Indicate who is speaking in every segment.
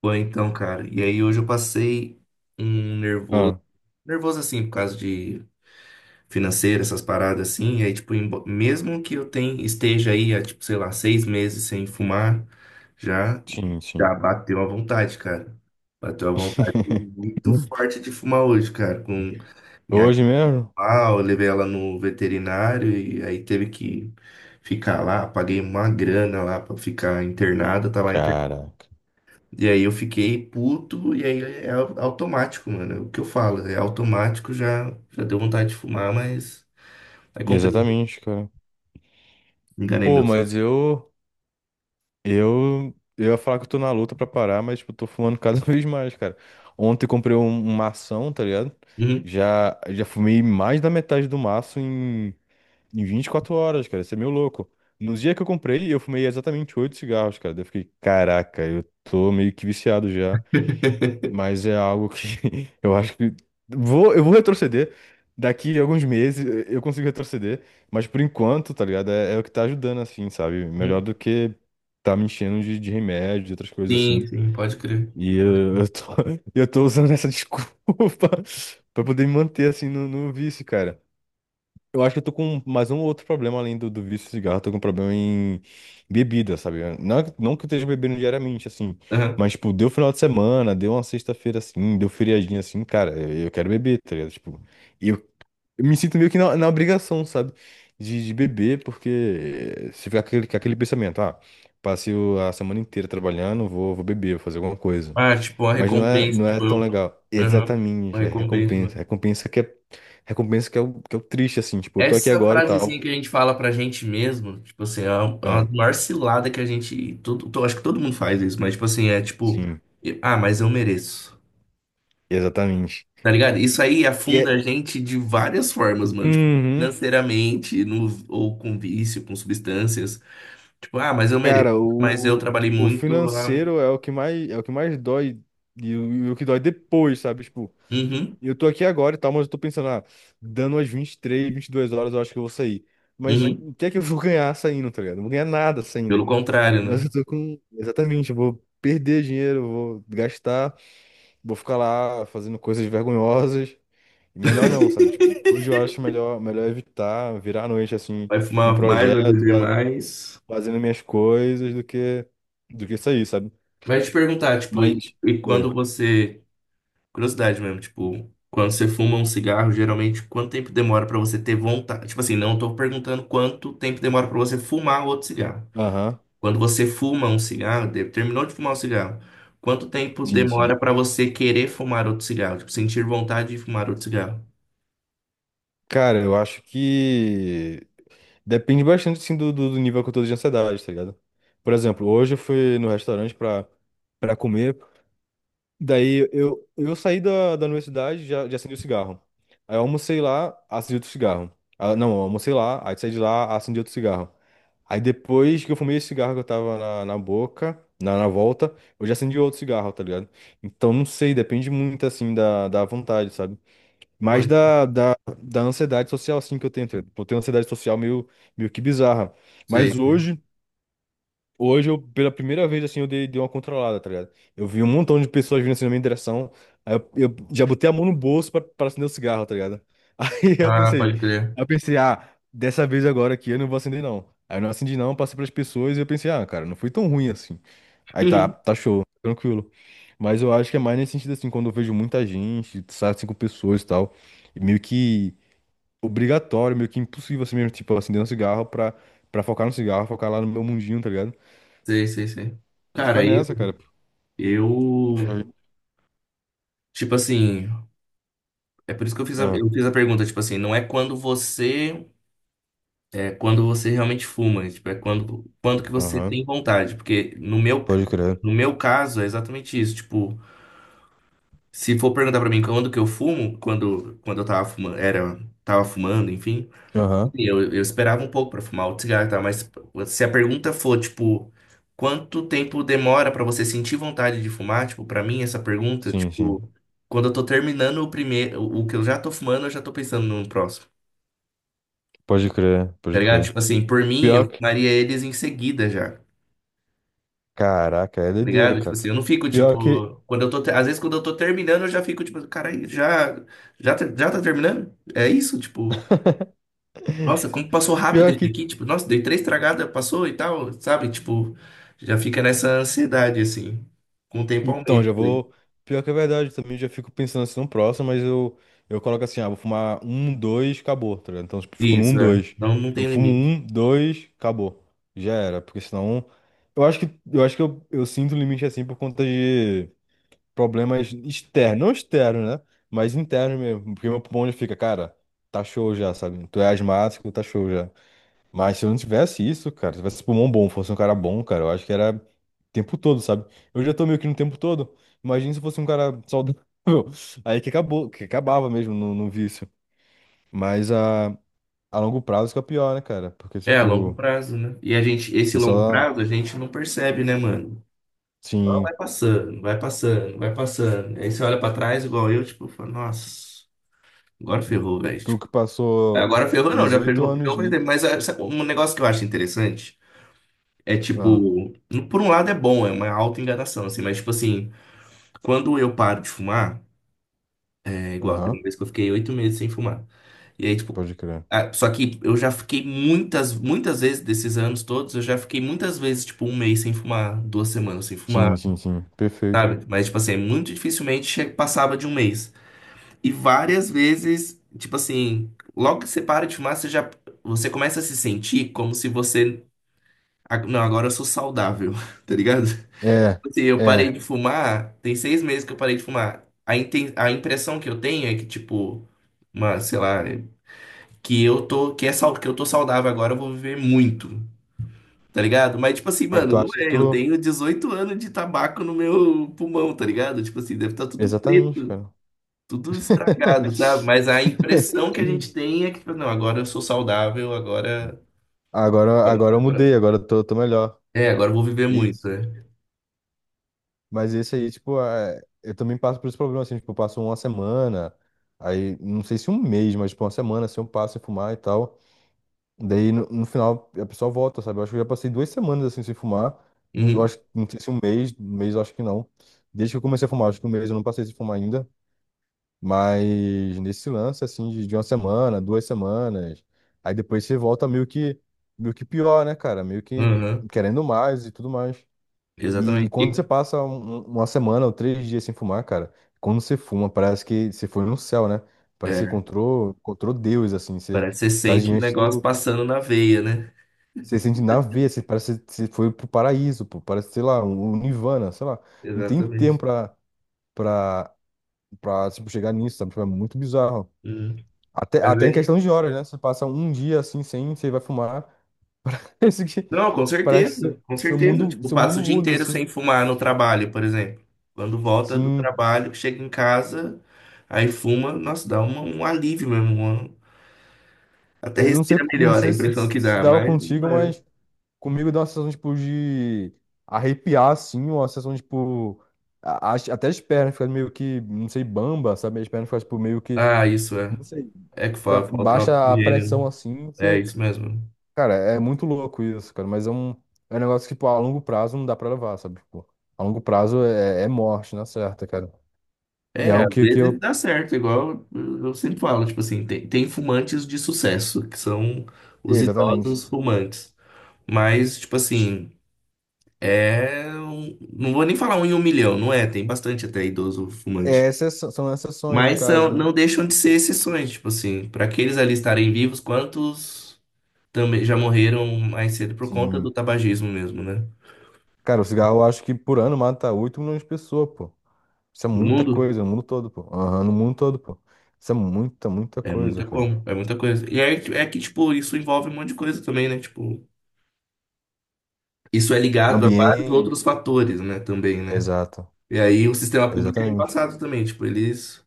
Speaker 1: Foi então, cara. E aí hoje eu passei um nervoso,
Speaker 2: Ah,
Speaker 1: nervoso assim, por causa de financeiro, essas paradas assim. E aí, tipo, mesmo que eu tenha, esteja aí há, tipo, sei lá, 6 meses sem fumar, já,
Speaker 2: sim,
Speaker 1: já
Speaker 2: sim.
Speaker 1: bateu a vontade, cara. Bateu a vontade muito forte de fumar hoje, cara. Com minha
Speaker 2: Hoje mesmo?
Speaker 1: pau, eu levei ela no veterinário e aí teve que ficar lá. Paguei uma grana lá pra ficar internada. Tá lá
Speaker 2: Caraca.
Speaker 1: e aí eu fiquei puto, e aí é automático, mano. É o que eu falo, é automático, já deu vontade de fumar, mas. Aí comprei,
Speaker 2: Exatamente, cara.
Speaker 1: enganei
Speaker 2: Pô,
Speaker 1: meu cérebro.
Speaker 2: mas eu, eu ia falar que eu tô na luta pra parar, mas, tipo, eu tô fumando cada vez mais, cara. Ontem eu comprei um mação, tá ligado?
Speaker 1: Uhum.
Speaker 2: Já fumei mais da metade do maço em 24 horas, cara. Isso é meio louco. No dia que eu comprei, eu fumei exatamente 8 cigarros, cara. Daí eu fiquei, caraca, eu tô meio que viciado já. Mas é algo que eu acho que eu vou retroceder. Daqui a alguns meses eu consigo retroceder, mas por enquanto, tá ligado? É, é o que tá ajudando, assim, sabe? Melhor
Speaker 1: Uhum.
Speaker 2: do que tá me enchendo de remédio, de outras coisas
Speaker 1: Sim,
Speaker 2: assim.
Speaker 1: sim, pode crer.
Speaker 2: E eu tô, eu tô usando essa desculpa pra poder me manter, assim, no vício, cara. Eu acho que eu tô com mais um outro problema além do vício de cigarro. Eu tô com um problema em bebida, sabe? Não, não que eu esteja bebendo diariamente, assim.
Speaker 1: Aham.
Speaker 2: Mas, tipo, deu final de semana, deu uma sexta-feira assim, deu feriadinha assim, cara, eu quero beber, tá ligado? Tipo, eu, eu me sinto meio que na obrigação, sabe? De beber, porque se ficar com aquele pensamento, ah, passei a semana inteira trabalhando, vou beber, vou fazer alguma coisa.
Speaker 1: Ah, tipo, uma
Speaker 2: Mas não é,
Speaker 1: recompensa,
Speaker 2: não é
Speaker 1: tipo,
Speaker 2: tão
Speaker 1: eu.
Speaker 2: legal.
Speaker 1: Aham. Uma
Speaker 2: Exatamente, é
Speaker 1: recompensa, né?
Speaker 2: recompensa. Recompensa que é o triste, assim. Tipo, eu tô aqui
Speaker 1: Essa
Speaker 2: agora e
Speaker 1: frasezinha
Speaker 2: tal.
Speaker 1: que a gente fala pra gente mesmo, tipo assim, é uma
Speaker 2: Ah,
Speaker 1: maior cilada que a gente. Acho que todo mundo faz isso, mas tipo assim, é tipo,
Speaker 2: sim,
Speaker 1: ah, mas eu mereço.
Speaker 2: exatamente.
Speaker 1: Tá ligado? Isso aí
Speaker 2: Que
Speaker 1: afunda a
Speaker 2: é,
Speaker 1: gente de várias formas, mano. Tipo,
Speaker 2: uhum,
Speaker 1: financeiramente, no, ou com vício, com substâncias. Tipo, ah, mas eu mereço.
Speaker 2: cara,
Speaker 1: Mas eu trabalhei
Speaker 2: o
Speaker 1: muito. Ah,
Speaker 2: financeiro é o que mais, é o que mais dói e o que dói depois, sabe? Tipo,
Speaker 1: uhum,
Speaker 2: eu tô aqui agora e tal, mas eu tô pensando, ah, dando as e três, 22 horas eu acho que eu vou sair. Mas
Speaker 1: uhum.
Speaker 2: o que é que eu vou ganhar saindo, tá ligado? Não vou ganhar nada saindo.
Speaker 1: Pelo contrário,
Speaker 2: Mas
Speaker 1: né?
Speaker 2: eu tô com. Exatamente, eu vou perder dinheiro, eu vou gastar. Vou ficar lá fazendo coisas vergonhosas. E melhor não, sabe? Tipo, hoje eu acho melhor, melhor evitar virar a noite assim
Speaker 1: Vai
Speaker 2: em
Speaker 1: fumar mais, vai
Speaker 2: projeto,
Speaker 1: beber mais.
Speaker 2: fazendo minhas coisas do que isso aí, sabe?
Speaker 1: Vai te perguntar, tipo, e,
Speaker 2: Mas
Speaker 1: e
Speaker 2: Oi.
Speaker 1: quando você. Curiosidade mesmo, tipo, quando você fuma um cigarro, geralmente quanto tempo demora pra você ter vontade? Tipo assim, não tô perguntando quanto tempo demora pra você fumar outro cigarro.
Speaker 2: Aham.
Speaker 1: Quando você fuma um cigarro, terminou de fumar um cigarro, quanto tempo
Speaker 2: Sim, sim.
Speaker 1: demora para você querer fumar outro cigarro? Tipo, sentir vontade de fumar outro cigarro?
Speaker 2: Cara, eu acho que depende bastante assim do nível que eu tô de ansiedade, tá ligado? Por exemplo, hoje eu fui no restaurante pra para comer. Daí eu saí da universidade já acendi o cigarro. Aí eu almocei lá, acendi outro cigarro. Ah, não, eu almocei lá, aí saí de lá, acendi outro cigarro. Aí depois que eu fumei esse cigarro que eu tava na boca, na volta, eu já acendi outro cigarro, tá ligado? Então não sei, depende muito assim da vontade, sabe? Mas
Speaker 1: Foi.
Speaker 2: da ansiedade social assim que eu tenho. Tá ligado? Eu tenho ansiedade social meio que bizarra.
Speaker 1: Sei.
Speaker 2: Mas
Speaker 1: sei.
Speaker 2: hoje. Hoje, eu, pela primeira vez, assim, eu dei uma controlada, tá ligado? Eu vi um montão de pessoas vindo assim na minha direção. Aí eu já botei a mão no bolso pra acender o cigarro, tá ligado? Aí eu
Speaker 1: Ah,
Speaker 2: pensei,
Speaker 1: pode crer.
Speaker 2: ah, dessa vez agora aqui eu não vou acender, não. Aí eu não acendi, não, passei pras pessoas e eu pensei, ah, cara, não foi tão ruim assim. Aí tá,
Speaker 1: Uhum.
Speaker 2: tá show, tranquilo. Mas eu acho que é mais nesse sentido, assim, quando eu vejo muita gente, sabe, cinco pessoas e tal, e meio que obrigatório, meio que impossível assim mesmo, tipo, acender um cigarro pra focar no cigarro, focar lá no meu mundinho, tá ligado?
Speaker 1: Sei, sei, sei.
Speaker 2: E ficar
Speaker 1: Cara, eu,
Speaker 2: nessa, cara. Porque
Speaker 1: eu,
Speaker 2: aí-
Speaker 1: tipo assim, é por isso que eu fiz a,
Speaker 2: Ah,
Speaker 1: eu fiz a pergunta, tipo assim, não é quando você, é quando você realmente fuma, né? Tipo, é quando que você
Speaker 2: aham.
Speaker 1: tem vontade, porque no meu,
Speaker 2: Pode crer.
Speaker 1: no meu caso é exatamente isso, tipo, se for perguntar pra mim quando que eu fumo, quando eu tava fumando, era, tava fumando, enfim,
Speaker 2: Aham.
Speaker 1: eu esperava um pouco pra fumar outro cigarro, e tal. Mas se a pergunta for, tipo, quanto tempo demora pra você sentir vontade de fumar, tipo, pra mim essa pergunta,
Speaker 2: Sim, sim.
Speaker 1: tipo, quando eu tô terminando o primeiro, o que eu já tô fumando, eu já tô pensando no próximo.
Speaker 2: Pode crer,
Speaker 1: Tá
Speaker 2: pode
Speaker 1: ligado?
Speaker 2: crer.
Speaker 1: Tipo assim, por mim,
Speaker 2: Pior
Speaker 1: eu
Speaker 2: que.
Speaker 1: fumaria eles em seguida já.
Speaker 2: Caraca, é
Speaker 1: tá
Speaker 2: doideira,
Speaker 1: ligado? Tipo
Speaker 2: cara.
Speaker 1: assim, eu não fico,
Speaker 2: Pior que.
Speaker 1: tipo, quando eu tô, às vezes quando eu tô terminando, eu já fico, tipo, cara, já tá terminando? É isso, tipo, nossa, como passou rápido
Speaker 2: Pior
Speaker 1: esse
Speaker 2: que.
Speaker 1: aqui, tipo, nossa, dei três tragadas, passou e tal, sabe? Tipo, já fica nessa ansiedade, assim, com o tempo
Speaker 2: Então,
Speaker 1: aumenta.
Speaker 2: já
Speaker 1: né?
Speaker 2: vou. Pior que é verdade, também já fico pensando assim no próximo, mas eu coloco assim, ah, vou fumar um, dois, acabou, tá ligado? Então, tipo, fico no um,
Speaker 1: Isso, é.
Speaker 2: dois.
Speaker 1: Não, não
Speaker 2: Eu
Speaker 1: tem
Speaker 2: fumo
Speaker 1: limite.
Speaker 2: um, dois, acabou. Já era, porque senão. Eu acho que, eu acho que eu sinto o limite assim por conta de problemas externos, não externos, né? Mas internos mesmo, porque meu pulmão já fica, cara, tá show já, sabe? Tu é asmático, tá show já. Mas se eu não tivesse isso, cara, se eu tivesse pulmão bom, fosse um cara bom, cara, eu acho que era o tempo todo, sabe? Eu já tô meio que no tempo todo. Imagina se eu fosse um cara saudável. Aí que acabou, que acabava mesmo no vício. Mas a longo prazo que é o pior, né, cara? Porque,
Speaker 1: É, a longo
Speaker 2: tipo,
Speaker 1: prazo, né? E a gente, esse
Speaker 2: você
Speaker 1: longo
Speaker 2: só,
Speaker 1: prazo, a gente não percebe, né, mano? Só vai
Speaker 2: sim.
Speaker 1: passando, vai passando, vai passando. Aí você olha pra trás, igual eu, tipo, fala, nossa, agora ferrou, velho.
Speaker 2: Tu
Speaker 1: tipo,
Speaker 2: que passou
Speaker 1: Agora ferrou não, já
Speaker 2: 18
Speaker 1: ferrou, ferrou
Speaker 2: anos.
Speaker 1: faz tempo. Mas é, sabe, um negócio que eu acho interessante é,
Speaker 2: Ah,
Speaker 1: tipo, por um lado é bom, é uma auto-enganação, assim, mas, tipo assim, quando eu paro de fumar, é igual, teve
Speaker 2: aham,
Speaker 1: uma vez que eu fiquei 8 meses sem fumar. E aí, tipo,
Speaker 2: pode crer.
Speaker 1: ah, só que eu já fiquei muitas, muitas vezes, desses anos todos, eu já fiquei muitas vezes, tipo, um mês sem fumar, 2 semanas sem
Speaker 2: Sim,
Speaker 1: fumar,
Speaker 2: sim, sim. Perfeito.
Speaker 1: mas, tipo assim, muito dificilmente passava de um mês. E várias vezes, tipo assim, logo que você para de fumar, você já você começa a se sentir como se você Não, agora eu sou saudável, tá ligado? Tipo
Speaker 2: É,
Speaker 1: Assim, eu
Speaker 2: é.
Speaker 1: parei de fumar, tem 6 meses que eu parei de fumar. A impressão que eu tenho é que, tipo, uma, sei lá, que eu tô, que eu tô saudável agora, eu vou viver muito, tá ligado? Mas, tipo assim,
Speaker 2: Ah,
Speaker 1: mano,
Speaker 2: tu
Speaker 1: não
Speaker 2: acha que
Speaker 1: é. Eu
Speaker 2: tu.
Speaker 1: tenho 18 anos de tabaco no meu pulmão, tá ligado? Tipo assim, deve estar tudo
Speaker 2: Exatamente,
Speaker 1: preto,
Speaker 2: cara.
Speaker 1: tudo estragado, sabe? Mas a impressão que a gente tem é que, tipo, não, agora eu sou saudável,
Speaker 2: Agora,
Speaker 1: agora...
Speaker 2: agora eu
Speaker 1: agora-
Speaker 2: mudei, agora eu tô melhor.
Speaker 1: É, agora eu vou viver muito,
Speaker 2: Isso.
Speaker 1: né?
Speaker 2: Mas esse aí, tipo, é, eu também passo por esse problema, assim, tipo, eu passo uma semana, aí, não sei se um mês, mas, tipo, uma semana, assim, eu passo sem fumar e tal. Daí, no final, a pessoa volta, sabe? Eu acho que eu já passei 2 semanas, assim, sem fumar. Não- Eu
Speaker 1: Uhum.
Speaker 2: acho, não sei se um mês, um mês eu acho que não. Desde que eu comecei a fumar, acho que um mês eu não passei sem fumar ainda. Mas nesse lance, assim, de uma semana, 2 semanas, aí depois você volta meio que pior, né, cara? Meio que
Speaker 1: Uhum.
Speaker 2: querendo mais e tudo mais. E
Speaker 1: Exatamente.
Speaker 2: quando
Speaker 1: E-
Speaker 2: você passa uma semana ou 3 dias sem fumar, cara, quando você fuma, parece que você foi no céu, né? Parece que você
Speaker 1: é,
Speaker 2: encontrou, encontrou Deus, assim, você
Speaker 1: parece que você
Speaker 2: está
Speaker 1: sente o
Speaker 2: diante
Speaker 1: negócio
Speaker 2: do.
Speaker 1: passando na veia, né?
Speaker 2: Você sente na veia, você parece que você foi pro paraíso, pô, parece, sei lá, um nirvana, sei lá. Não tem tempo
Speaker 1: Exatamente.
Speaker 2: pra, tipo, chegar nisso, sabe? Tipo, é muito bizarro.
Speaker 1: Hum.
Speaker 2: Até,
Speaker 1: Mas
Speaker 2: até em
Speaker 1: ele-
Speaker 2: questão de horas, né? Você passa um dia assim sem, você vai fumar. Isso que
Speaker 1: Não, com
Speaker 2: parece que seu,
Speaker 1: certeza, com
Speaker 2: seu
Speaker 1: certeza.
Speaker 2: mundo,
Speaker 1: Tipo,
Speaker 2: seu
Speaker 1: passa
Speaker 2: mundo
Speaker 1: o dia
Speaker 2: muda,
Speaker 1: inteiro
Speaker 2: assim.
Speaker 1: sem fumar no trabalho, por exemplo. Quando volta do
Speaker 2: Sim.
Speaker 1: trabalho, chega em casa, aí fuma, nossa, dá um alívio mesmo. Até
Speaker 2: Eu não sei,
Speaker 1: respira
Speaker 2: não
Speaker 1: melhor a
Speaker 2: sei se,
Speaker 1: impressão que
Speaker 2: se
Speaker 1: dá,
Speaker 2: dava
Speaker 1: mas não
Speaker 2: contigo,
Speaker 1: é, né?
Speaker 2: mas comigo dá uma sensação, tipo, de arrepiar, assim, uma sensação, tipo. Até as pernas ficam meio que, não sei, bamba, sabe? As pernas ficam, tipo, meio que.
Speaker 1: Ah, isso é.
Speaker 2: Não sei.
Speaker 1: É que falta
Speaker 2: Baixa a
Speaker 1: oxigênio.
Speaker 2: pressão
Speaker 1: né?
Speaker 2: assim.
Speaker 1: É isso mesmo.
Speaker 2: Cara, é muito louco isso, cara, mas é um negócio que, tipo, a, longo prazo não dá pra levar, sabe? Tipo, a longo prazo é morte, na certa, cara. E é
Speaker 1: É,
Speaker 2: algo
Speaker 1: às
Speaker 2: que
Speaker 1: vezes
Speaker 2: eu.
Speaker 1: dá certo, igual eu sempre falo, tipo assim, tem fumantes de sucesso, que são os
Speaker 2: Exatamente.
Speaker 1: idosos fumantes. Mas, tipo assim, não vou nem falar um em um milhão, não é? Tem bastante até idoso
Speaker 2: É
Speaker 1: fumante.
Speaker 2: exceção- são exceções, no
Speaker 1: Mas são,
Speaker 2: caso, né?
Speaker 1: não deixam de ser exceções, tipo assim, para aqueles ali estarem vivos, quantos também já morreram mais cedo por conta do
Speaker 2: Sim.
Speaker 1: tabagismo mesmo, né?
Speaker 2: Cara, o cigarro eu acho que por ano mata 8 milhões de pessoas, pô. Isso é
Speaker 1: No
Speaker 2: muita
Speaker 1: mundo?
Speaker 2: coisa, no mundo todo, pô. Aham, no mundo todo, pô. Isso é muita, muita
Speaker 1: É
Speaker 2: coisa,
Speaker 1: muita
Speaker 2: cara.
Speaker 1: como, é muita coisa. E é que, tipo, isso envolve um monte de coisa também, né? Tipo. Isso é ligado a vários
Speaker 2: Ambiente.
Speaker 1: outros fatores, né, também, né?
Speaker 2: Exato.
Speaker 1: E aí o sistema público é
Speaker 2: Exatamente.
Speaker 1: embaçado também, tipo, eles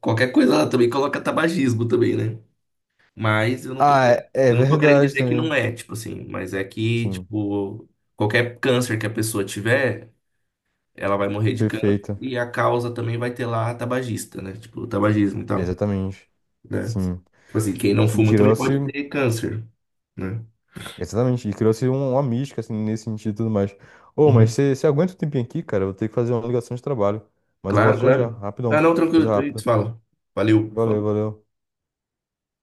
Speaker 1: qualquer coisa lá também coloca tabagismo também, né? Mas eu não tô
Speaker 2: Ah, é, é
Speaker 1: eu não tô querendo
Speaker 2: verdade
Speaker 1: dizer que não
Speaker 2: também.
Speaker 1: é, tipo assim, mas é que,
Speaker 2: Sim.
Speaker 1: tipo, qualquer câncer que a pessoa tiver, ela vai morrer de câncer
Speaker 2: Perfeito.
Speaker 1: e a causa também vai ter lá tabagista, né? Tipo, o tabagismo e tal,
Speaker 2: Exatamente.
Speaker 1: né?
Speaker 2: Sim.
Speaker 1: Tipo assim, quem não
Speaker 2: E
Speaker 1: fuma também
Speaker 2: Kirossi,
Speaker 1: pode ter câncer, né?
Speaker 2: exatamente, e Kirossi é um- uma mística, assim, nesse sentido e tudo mais. Ô, mas
Speaker 1: Uhum.
Speaker 2: você aguenta um tempinho aqui, cara? Eu vou ter que fazer uma ligação de trabalho. Mas eu
Speaker 1: Claro,
Speaker 2: volto já já,
Speaker 1: claro. Ah,
Speaker 2: rapidão,
Speaker 1: não, tranquilo,
Speaker 2: coisa
Speaker 1: depois a gente
Speaker 2: rápida.
Speaker 1: fala. Valeu.
Speaker 2: Valeu,
Speaker 1: falou.
Speaker 2: valeu.